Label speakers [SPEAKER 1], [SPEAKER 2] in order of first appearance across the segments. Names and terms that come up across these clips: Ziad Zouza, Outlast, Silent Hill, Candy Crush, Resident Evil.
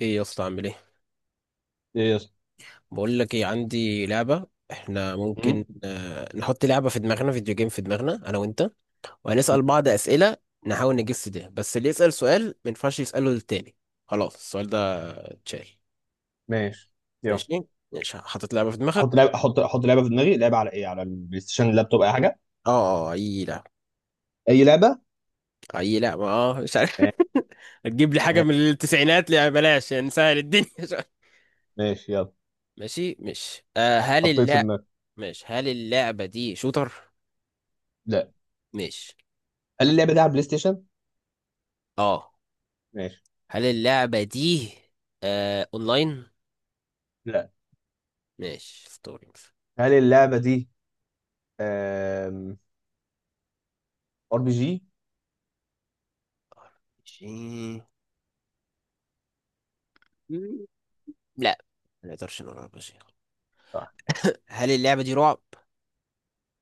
[SPEAKER 1] ايه يا اسطى عامل ايه؟
[SPEAKER 2] ايه يا اسطى.
[SPEAKER 1] بقول لك ايه، عندي لعبه. احنا
[SPEAKER 2] مم؟
[SPEAKER 1] ممكن نحط لعبه في دماغنا، فيديو جيم في دماغنا انا وانت،
[SPEAKER 2] مم.
[SPEAKER 1] وهنسال بعض اسئله نحاول نجس ده. بس اللي يسال سؤال ما ينفعش يساله للتاني. خلاص السؤال ده اتشال.
[SPEAKER 2] ماشي، يلا.
[SPEAKER 1] ماشي. ماشي، حاطط لعبه في
[SPEAKER 2] احط
[SPEAKER 1] دماغك.
[SPEAKER 2] لعبه، احط لعبه في دماغي. لعبه على ايه؟ على البلاي ستيشن، اللابتوب، اي حاجه.
[SPEAKER 1] اي لعبه.
[SPEAKER 2] اي لعبه.
[SPEAKER 1] اي لعبه. اه مش عارف. هتجيب لي حاجه من التسعينات؟ لا بلاش، نسهل الدنيا شوية.
[SPEAKER 2] ماشي يلا،
[SPEAKER 1] ماشي. مش آه هل
[SPEAKER 2] حطيت في
[SPEAKER 1] اللعب.
[SPEAKER 2] دماغي.
[SPEAKER 1] ماشي. هل اللعبه دي شوتر؟
[SPEAKER 2] لا.
[SPEAKER 1] ماشي.
[SPEAKER 2] هل اللعبه دي على البلاي ستيشن؟
[SPEAKER 1] اه.
[SPEAKER 2] ماشي.
[SPEAKER 1] هل اللعبة دي اونلاين؟
[SPEAKER 2] لا.
[SPEAKER 1] ماشي. ستوري مثلا.
[SPEAKER 2] هل اللعبه دي ار بي جي؟
[SPEAKER 1] ماشي. مم، لا، ما نقدرش نقول على شيء.
[SPEAKER 2] صح.
[SPEAKER 1] هل اللعبة دي رعب؟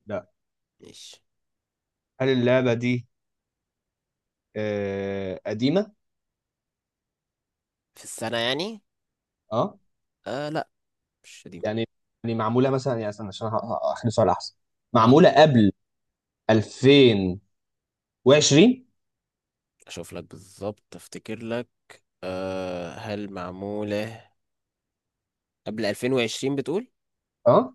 [SPEAKER 2] لا.
[SPEAKER 1] ماشي.
[SPEAKER 2] هل اللعبه دي قديمه؟
[SPEAKER 1] في السنة يعني؟
[SPEAKER 2] اه.
[SPEAKER 1] لا، مش قديم.
[SPEAKER 2] يعني، يعني معموله مثلا، يعني استنى عشان اخلي سؤال احسن.
[SPEAKER 1] اه،
[SPEAKER 2] معموله قبل 2020؟
[SPEAKER 1] اشوف لك بالظبط، افتكر لك. هل معمولة قبل 2020 بتقول؟
[SPEAKER 2] اه،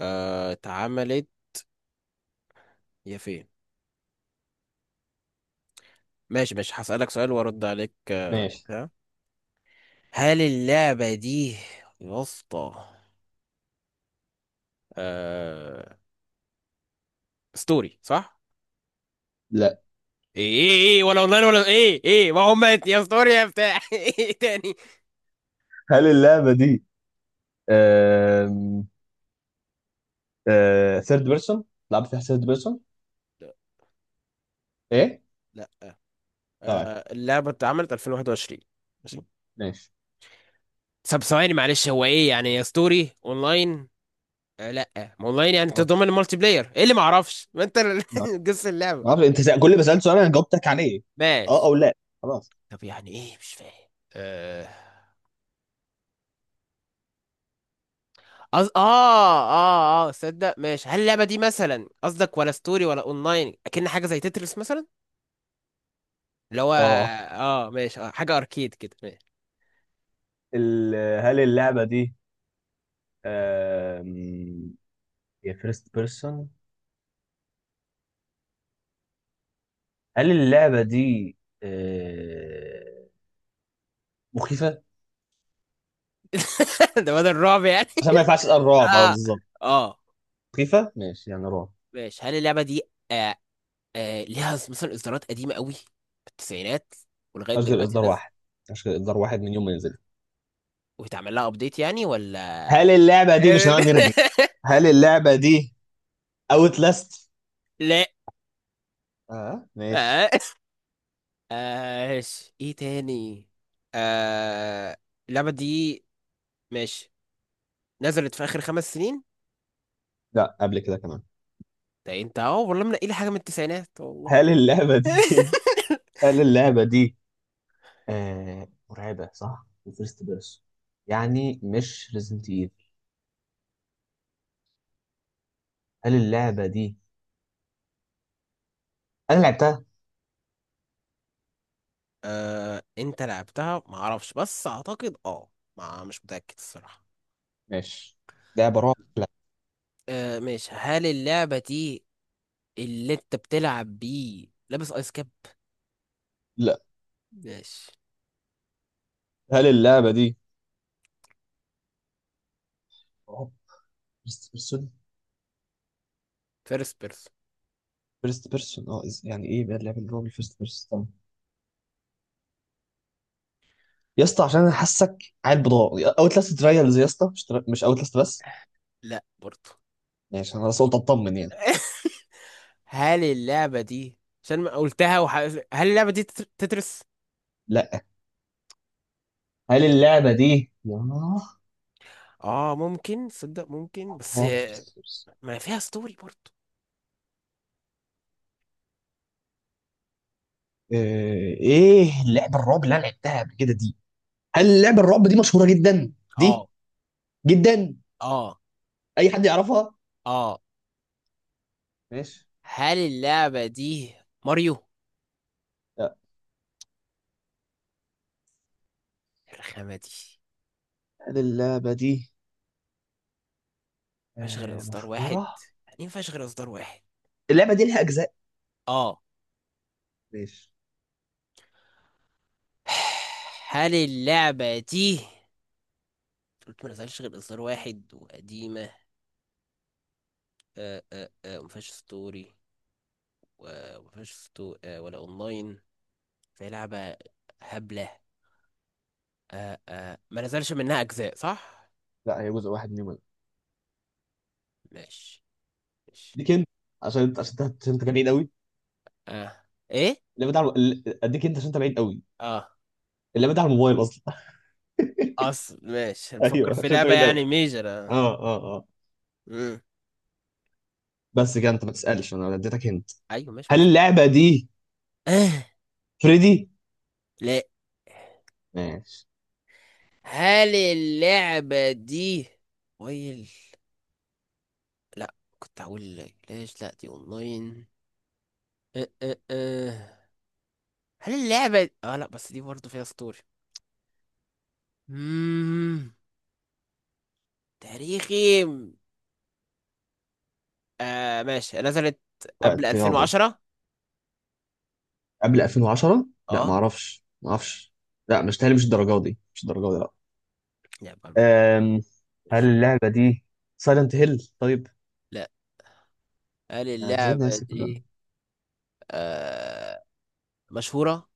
[SPEAKER 1] اتعملت يا فين؟ ماشي. ماشي، هسألك سؤال وارد عليك
[SPEAKER 2] ماشي.
[SPEAKER 1] بتاع. هل اللعبة دي يا اسطى آه ستوري صح؟
[SPEAKER 2] لا.
[SPEAKER 1] ايه ايه، ايه ولا اونلاين ولا ايه؟ ايه ما هم، يا ستوري يا بتاع. ايه تاني؟
[SPEAKER 2] هل اللعبه دي ثيرد بيرسون؟ لعبت فيها ثيرد بيرسون؟
[SPEAKER 1] لا.
[SPEAKER 2] ايه
[SPEAKER 1] لا.
[SPEAKER 2] طيب،
[SPEAKER 1] اللعبة اتعملت 2021. ماشي.
[SPEAKER 2] ماشي.
[SPEAKER 1] طب ثواني معلش، هو ايه يعني يا ستوري اونلاين؟ لا ما اونلاين، يعني
[SPEAKER 2] معرفش.
[SPEAKER 1] تضمن المالتي بلاير؟ ايه اللي ما اعرفش ما انت
[SPEAKER 2] ما
[SPEAKER 1] جس اللعبة.
[SPEAKER 2] اعرف، انت كل ما سألت سؤال انا جاوبتك عليه. اه
[SPEAKER 1] ماشي.
[SPEAKER 2] او لا، خلاص.
[SPEAKER 1] طب يعني ايه مش فاهم. آه أز... اه اه اه صدق ماشي، هل اللعبة دي مثلا قصدك ولا ستوري ولا اونلاين؟ اكن حاجة زي تترس مثلا، اللي هو
[SPEAKER 2] اه.
[SPEAKER 1] ماشي، اه حاجة اركيد كده. ماشي.
[SPEAKER 2] ال... هل اللعبة دي آم، هي فيرست بيرسون؟ هل اللعبة دي آه، مخيفة؟
[SPEAKER 1] ده بدل الرعب يعني.
[SPEAKER 2] عشان ما ينفعش اسأل رعب. اه
[SPEAKER 1] اه.
[SPEAKER 2] بالظبط،
[SPEAKER 1] اه.
[SPEAKER 2] مخيفة ماشي يعني رعب.
[SPEAKER 1] ماشي. هل اللعبه دي آه ليها مثلا اصدارات قديمه قوي في التسعينات ولغايه
[SPEAKER 2] مش غير
[SPEAKER 1] دلوقتي
[SPEAKER 2] اصدار
[SPEAKER 1] الناس
[SPEAKER 2] واحد، مش غير اصدار واحد من يوم ما نزل.
[SPEAKER 1] ويتعمل لها ابديت يعني ولا؟
[SPEAKER 2] هل اللعبة دي، مش هنقعد نرغي. هل اللعبة دي اوت لاست؟
[SPEAKER 1] لا.
[SPEAKER 2] اه
[SPEAKER 1] آه.
[SPEAKER 2] ماشي.
[SPEAKER 1] آه. ايه تاني؟ آه. اللعبه دي، ماشي، نزلت في اخر 5 سنين؟
[SPEAKER 2] لا، قبل كده كمان.
[SPEAKER 1] ده انت اه والله منقي لي حاجه من التسعينات، والله.
[SPEAKER 2] هل اللعبة دي، هل اللعبة دي مرعبة صح؟ وفيرست بيرسون، يعني مش ريزنت ايفل. هل اللعبة دي انا لعبتها؟
[SPEAKER 1] آه. انت لعبتها ما اعرفش، بس اعتقد اه، ما مش متاكد الصراحه.
[SPEAKER 2] ماشي. لعبة رعب، لا.
[SPEAKER 1] آه ماشي. هل اللعبة دي اللي انت بتلعب بيه لابس ايس كاب؟
[SPEAKER 2] لا.
[SPEAKER 1] ماشي.
[SPEAKER 2] هل اللعبة دي رعب فيرست بيرسون؟
[SPEAKER 1] فيرست بيرسون.
[SPEAKER 2] فيرست بيرسون اه، يعني ايه بقى اللعبة اللي رعب الفيرست بيرسون؟ طب يا اسطى، عشان انا حاسك عيل بضاعة، اوت لاست ترايلز يا اسطى، مش مش اوت لاست بس.
[SPEAKER 1] لا برضه.
[SPEAKER 2] ماشي، انا بس قلت اطمن يعني.
[SPEAKER 1] هل اللعبة دي عشان ما قلتها هل اللعبة دي تترس؟
[SPEAKER 2] لا. هل اللعبة دي ياه،
[SPEAKER 1] اه ممكن، صدق ممكن، بس
[SPEAKER 2] رعب فيرست بيرسون.
[SPEAKER 1] ما فيها ستوري برضه.
[SPEAKER 2] ايه لعب الرعب اللي انا لعبتها قبل كده دي؟ هل لعب الرعب دي مشهوره جدا دي؟
[SPEAKER 1] اه.
[SPEAKER 2] جدا؟
[SPEAKER 1] اه.
[SPEAKER 2] اي حد يعرفها؟
[SPEAKER 1] اه.
[SPEAKER 2] ماشي.
[SPEAKER 1] هل اللعبة دي ماريو
[SPEAKER 2] لا.
[SPEAKER 1] الرخامة دي؟
[SPEAKER 2] هل اللعبه دي
[SPEAKER 1] مفيهاش غير اصدار واحد،
[SPEAKER 2] مشهوره؟
[SPEAKER 1] يعني مفيهاش غير اصدار واحد؟
[SPEAKER 2] اللعبه دي لها اجزاء؟
[SPEAKER 1] اه.
[SPEAKER 2] ماشي.
[SPEAKER 1] هل اللعبة دي قلت ما نزلش غير إصدار واحد وقديمة وما فيهاش ستوري، وما فيهاش ستو... آه، ولا أونلاين، فهي لعبة هبلة. ما نزلش منها أجزاء صح؟
[SPEAKER 2] لا، هي جزء واحد منهم.
[SPEAKER 1] ماشي. ماشي.
[SPEAKER 2] اديك انت، عشان انت بعيد قوي.
[SPEAKER 1] آه. إيه؟
[SPEAKER 2] اللعبه دي على اديك انت عشان انت بعيد قوي.
[SPEAKER 1] آه.
[SPEAKER 2] اللعبه دي على الموبايل اصلا.
[SPEAKER 1] أصل ماشي، بفكر
[SPEAKER 2] ايوه،
[SPEAKER 1] في
[SPEAKER 2] عشان انت
[SPEAKER 1] لعبة
[SPEAKER 2] بعيد قوي.
[SPEAKER 1] يعني ميجر آه.
[SPEAKER 2] اه.
[SPEAKER 1] مم.
[SPEAKER 2] بس كده انت ما تسالش، انا اديتك انت.
[SPEAKER 1] أيوه ماشي، ما
[SPEAKER 2] هل
[SPEAKER 1] نزل.
[SPEAKER 2] اللعبه دي
[SPEAKER 1] آه.
[SPEAKER 2] فريدي؟
[SPEAKER 1] لا.
[SPEAKER 2] ماشي.
[SPEAKER 1] هل اللعبة دي ويل؟ لا. كنت هقول لك ليش لا، دي اونلاين. أه أه أه. هل اللعبة لا، بس دي برضه فيها ستوري، مم، تاريخي. آه ماشي، نزلت قبل
[SPEAKER 2] وقت يابا،
[SPEAKER 1] 2010؟
[SPEAKER 2] قبل 2010. لا، ما
[SPEAKER 1] اه.
[SPEAKER 2] اعرفش، ما اعرفش. لا مش تهيألي، مش الدرجه دي، مش الدرجه دي، لا.
[SPEAKER 1] لعبة.
[SPEAKER 2] أم... هل
[SPEAKER 1] مش.
[SPEAKER 2] اللعبه دي سايلنت هيل؟ طيب،
[SPEAKER 1] لا. هل
[SPEAKER 2] يعني ازاي
[SPEAKER 1] اللعبة
[SPEAKER 2] ناسي كل ده؟
[SPEAKER 1] دي آه مشهورة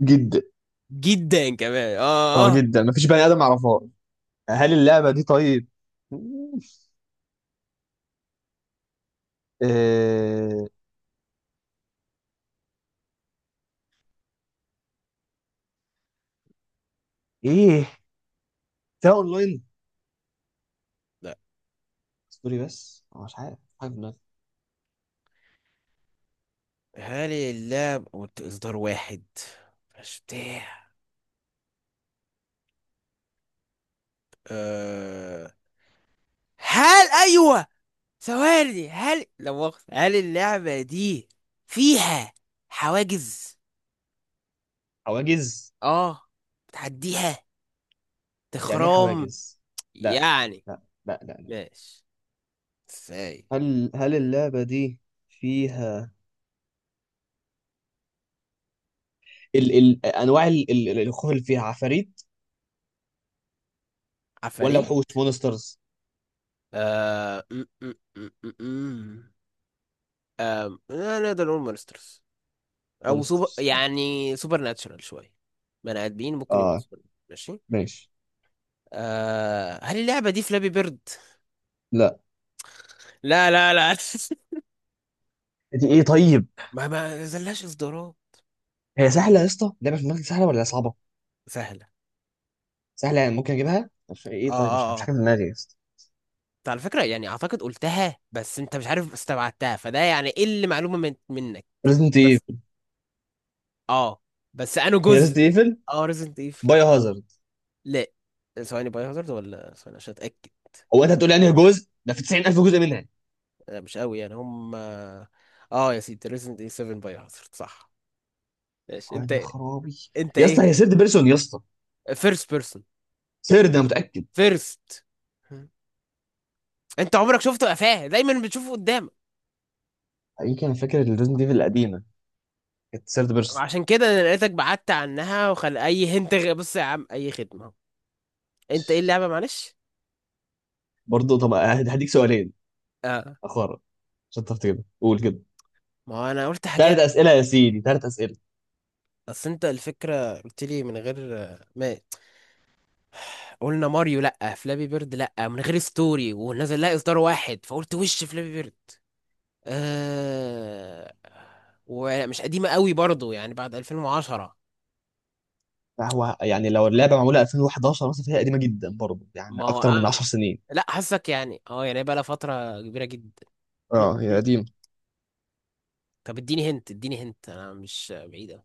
[SPEAKER 2] جدا.
[SPEAKER 1] جدا كمان؟ اه.
[SPEAKER 2] اه
[SPEAKER 1] اه.
[SPEAKER 2] جدا، مفيش بني ادم اعرفها. هل اللعبه دي طيب أه... ايه، فيها اونلاين؟
[SPEAKER 1] لا.
[SPEAKER 2] ستوري بس، أنا مش عارف، مش عارف دماغي.
[SPEAKER 1] هل اللعبة قلت اصدار واحد مش بتاع آه هل ايوه، ثواني، هل لا مؤاخذة هل اللعبة دي فيها حواجز
[SPEAKER 2] حواجز؟
[SPEAKER 1] اه بتعديها
[SPEAKER 2] يعني ايه
[SPEAKER 1] تخرام
[SPEAKER 2] حواجز؟ لا
[SPEAKER 1] يعني؟
[SPEAKER 2] لا لا.
[SPEAKER 1] ماشي. ازاي؟
[SPEAKER 2] هل اللعبه دي فيها انواع الخوف، اللي فيها عفاريت ولا
[SPEAKER 1] عفاريت.
[SPEAKER 2] وحوش، مونسترز؟
[SPEAKER 1] آه... م- م- م- م- م. لا نقدر نقول مونسترز، او سوبر،
[SPEAKER 2] مونسترز،
[SPEAKER 1] يعني سوبر ناتشرال شويه، بني ادمين ممكن يبقوا
[SPEAKER 2] اه
[SPEAKER 1] سوبر. ماشي.
[SPEAKER 2] ماشي.
[SPEAKER 1] آه. هل اللعبه دي فلابي بيرد؟
[SPEAKER 2] لا،
[SPEAKER 1] لا لا لا.
[SPEAKER 2] دي ايه طيب؟
[SPEAKER 1] ما زلاش اصدارات.
[SPEAKER 2] هي سهله يا اسطى، لعبه في دماغك سهله ولا صعبه؟
[SPEAKER 1] سهله.
[SPEAKER 2] سهله يعني ممكن اجيبها؟ مش
[SPEAKER 1] اه.
[SPEAKER 2] ايه طيب، مش
[SPEAKER 1] اه.
[SPEAKER 2] مش
[SPEAKER 1] اه.
[SPEAKER 2] حاجه في دماغي يا اسطى.
[SPEAKER 1] أنت على فكره يعني اعتقد قلتها، بس انت مش عارف استبعدتها، فده يعني ايه اللي معلومه منك.
[SPEAKER 2] ريزنت ايفل؟
[SPEAKER 1] اه، بس انه
[SPEAKER 2] هي ريزنت
[SPEAKER 1] جزء.
[SPEAKER 2] ايفل
[SPEAKER 1] اه ريزنت ايفل.
[SPEAKER 2] بايو هازارد؟
[SPEAKER 1] لا، ثواني، باي هازارد ولا، ثواني عشان اتاكد.
[SPEAKER 2] هو انت هتقول يعني جزء ده في 90,000 جزء منها؟
[SPEAKER 1] أنا مش قوي يعني هم. اه يا سيدي، ريزنت ايفل 7 باي هازارد صح؟ ماشي.
[SPEAKER 2] اه
[SPEAKER 1] انت،
[SPEAKER 2] يا خرابي.
[SPEAKER 1] انت
[SPEAKER 2] يا اسطى
[SPEAKER 1] ايه؟
[SPEAKER 2] هي سيرد بيرسون يا اسطى،
[SPEAKER 1] فيرست بيرسون.
[SPEAKER 2] سيرد انا متاكد.
[SPEAKER 1] فيرست. انت عمرك شفته قفاه؟ دايما بتشوفه قدامك.
[SPEAKER 2] يمكن انا فاكر الريزنت ايفل القديمه كانت سيرد بيرسون.
[SPEAKER 1] عشان كده انا لقيتك بعدت عنها وخل اي هنت بص يا عم، اي خدمه اهو. انت ايه اللعبه معلش؟
[SPEAKER 2] برضه طب، هديك سؤالين
[SPEAKER 1] اه،
[SPEAKER 2] اخرى عشان تعرف تجيبها، قول كده.
[SPEAKER 1] ما هو انا قلت
[SPEAKER 2] ثلاث
[SPEAKER 1] حاجات،
[SPEAKER 2] اسئله يا سيدي، ثلاث اسئله.
[SPEAKER 1] بس انت الفكره قلت لي من غير. ماشي. قلنا ماريو لأ، فلابي بيرد لأ، من غير ستوري، ونزل لها إصدار واحد، فقلت وش فلابي بيرد. آه، ومش قديمة قوي برضو يعني بعد 2010.
[SPEAKER 2] لا هو يعني لو اللعبه معموله 2011 مثلا فهي قديمه جدا برضه، يعني
[SPEAKER 1] ما هو
[SPEAKER 2] اكتر من 10 سنين.
[SPEAKER 1] لأ حاسك يعني اه، يعني بقى لها فترة كبيرة جدا. م-
[SPEAKER 2] اه هي
[SPEAKER 1] م.
[SPEAKER 2] قديمة.
[SPEAKER 1] طب اديني هنت، اديني هنت، أنا مش بعيدة.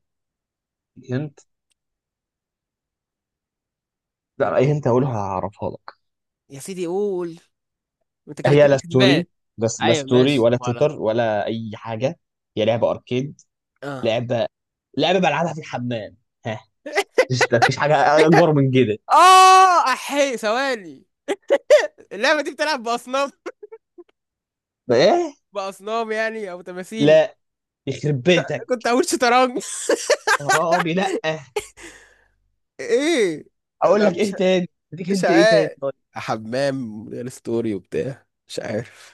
[SPEAKER 2] هنت؟ لا اي هنت هقولها، هعرفها لك.
[SPEAKER 1] يا سيدي قول، انت كده
[SPEAKER 2] هي
[SPEAKER 1] كده
[SPEAKER 2] لا
[SPEAKER 1] كسبان.
[SPEAKER 2] ستوري، بس لا
[SPEAKER 1] ايوه
[SPEAKER 2] ستوري
[SPEAKER 1] ماشي
[SPEAKER 2] ولا شوتر
[SPEAKER 1] ولا.
[SPEAKER 2] ولا اي حاجه. هي لعبه اركيد.
[SPEAKER 1] اه.
[SPEAKER 2] لعبه، لعبه بلعبها في الحمام. ها؟ مش مفيش حاجه اكبر من كده.
[SPEAKER 1] اه احي، ثواني، اللعبة دي بتلعب بأصناف،
[SPEAKER 2] ايه؟
[SPEAKER 1] بأصنام يعني أو تماثيل؟
[SPEAKER 2] لا، يخرب بيتك.
[SPEAKER 1] كنت هقول شطرنج.
[SPEAKER 2] حرامي، لا.
[SPEAKER 1] ايه؟
[SPEAKER 2] اقول
[SPEAKER 1] لا،
[SPEAKER 2] لك ايه تاني، اديك
[SPEAKER 1] مش
[SPEAKER 2] انت ايه تاني
[SPEAKER 1] عارف،
[SPEAKER 2] طيب.
[SPEAKER 1] حمام غير ستوري وبتاع مش عارف.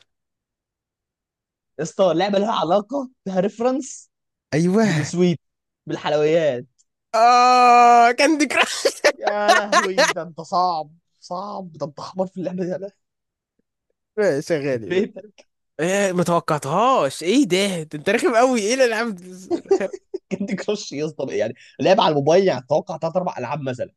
[SPEAKER 2] يا اسطى لعبه لها علاقه، فيها ريفرنس
[SPEAKER 1] ايوه.
[SPEAKER 2] بالسويت، بالحلويات.
[SPEAKER 1] اه كاندي كراش.
[SPEAKER 2] يا لهوي، ده انت صعب، صعب. ده انت حمار في اللعبه دي، يا لهوي.
[SPEAKER 1] ماشي يا
[SPEAKER 2] يخرب
[SPEAKER 1] غالي.
[SPEAKER 2] بيتك.
[SPEAKER 1] ايه، ما توقعتهاش. ايه ده، ده انت رخم قوي. ايه الالعاب دي؟ رخم.
[SPEAKER 2] كاندي كراش يا اسطى يعني، لعب على الموبايل، يعني اتوقع ثلاث اربع العاب مثلا.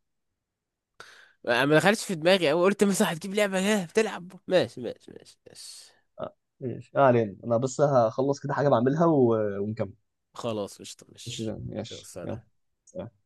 [SPEAKER 1] ما دخلتش في دماغي قوي، قلت مثلا هتجيب لعبه ايه بتلعب. ماشي ماشي ماشي ماشي.
[SPEAKER 2] ماشي، ما علينا. انا بس هخلص كده حاجه بعملها و... ونكمل.
[SPEAKER 1] خلاص قشطه،
[SPEAKER 2] مش
[SPEAKER 1] ماشي.
[SPEAKER 2] زين،
[SPEAKER 1] يلا،
[SPEAKER 2] ماشي يلا.
[SPEAKER 1] سلام.
[SPEAKER 2] سلام.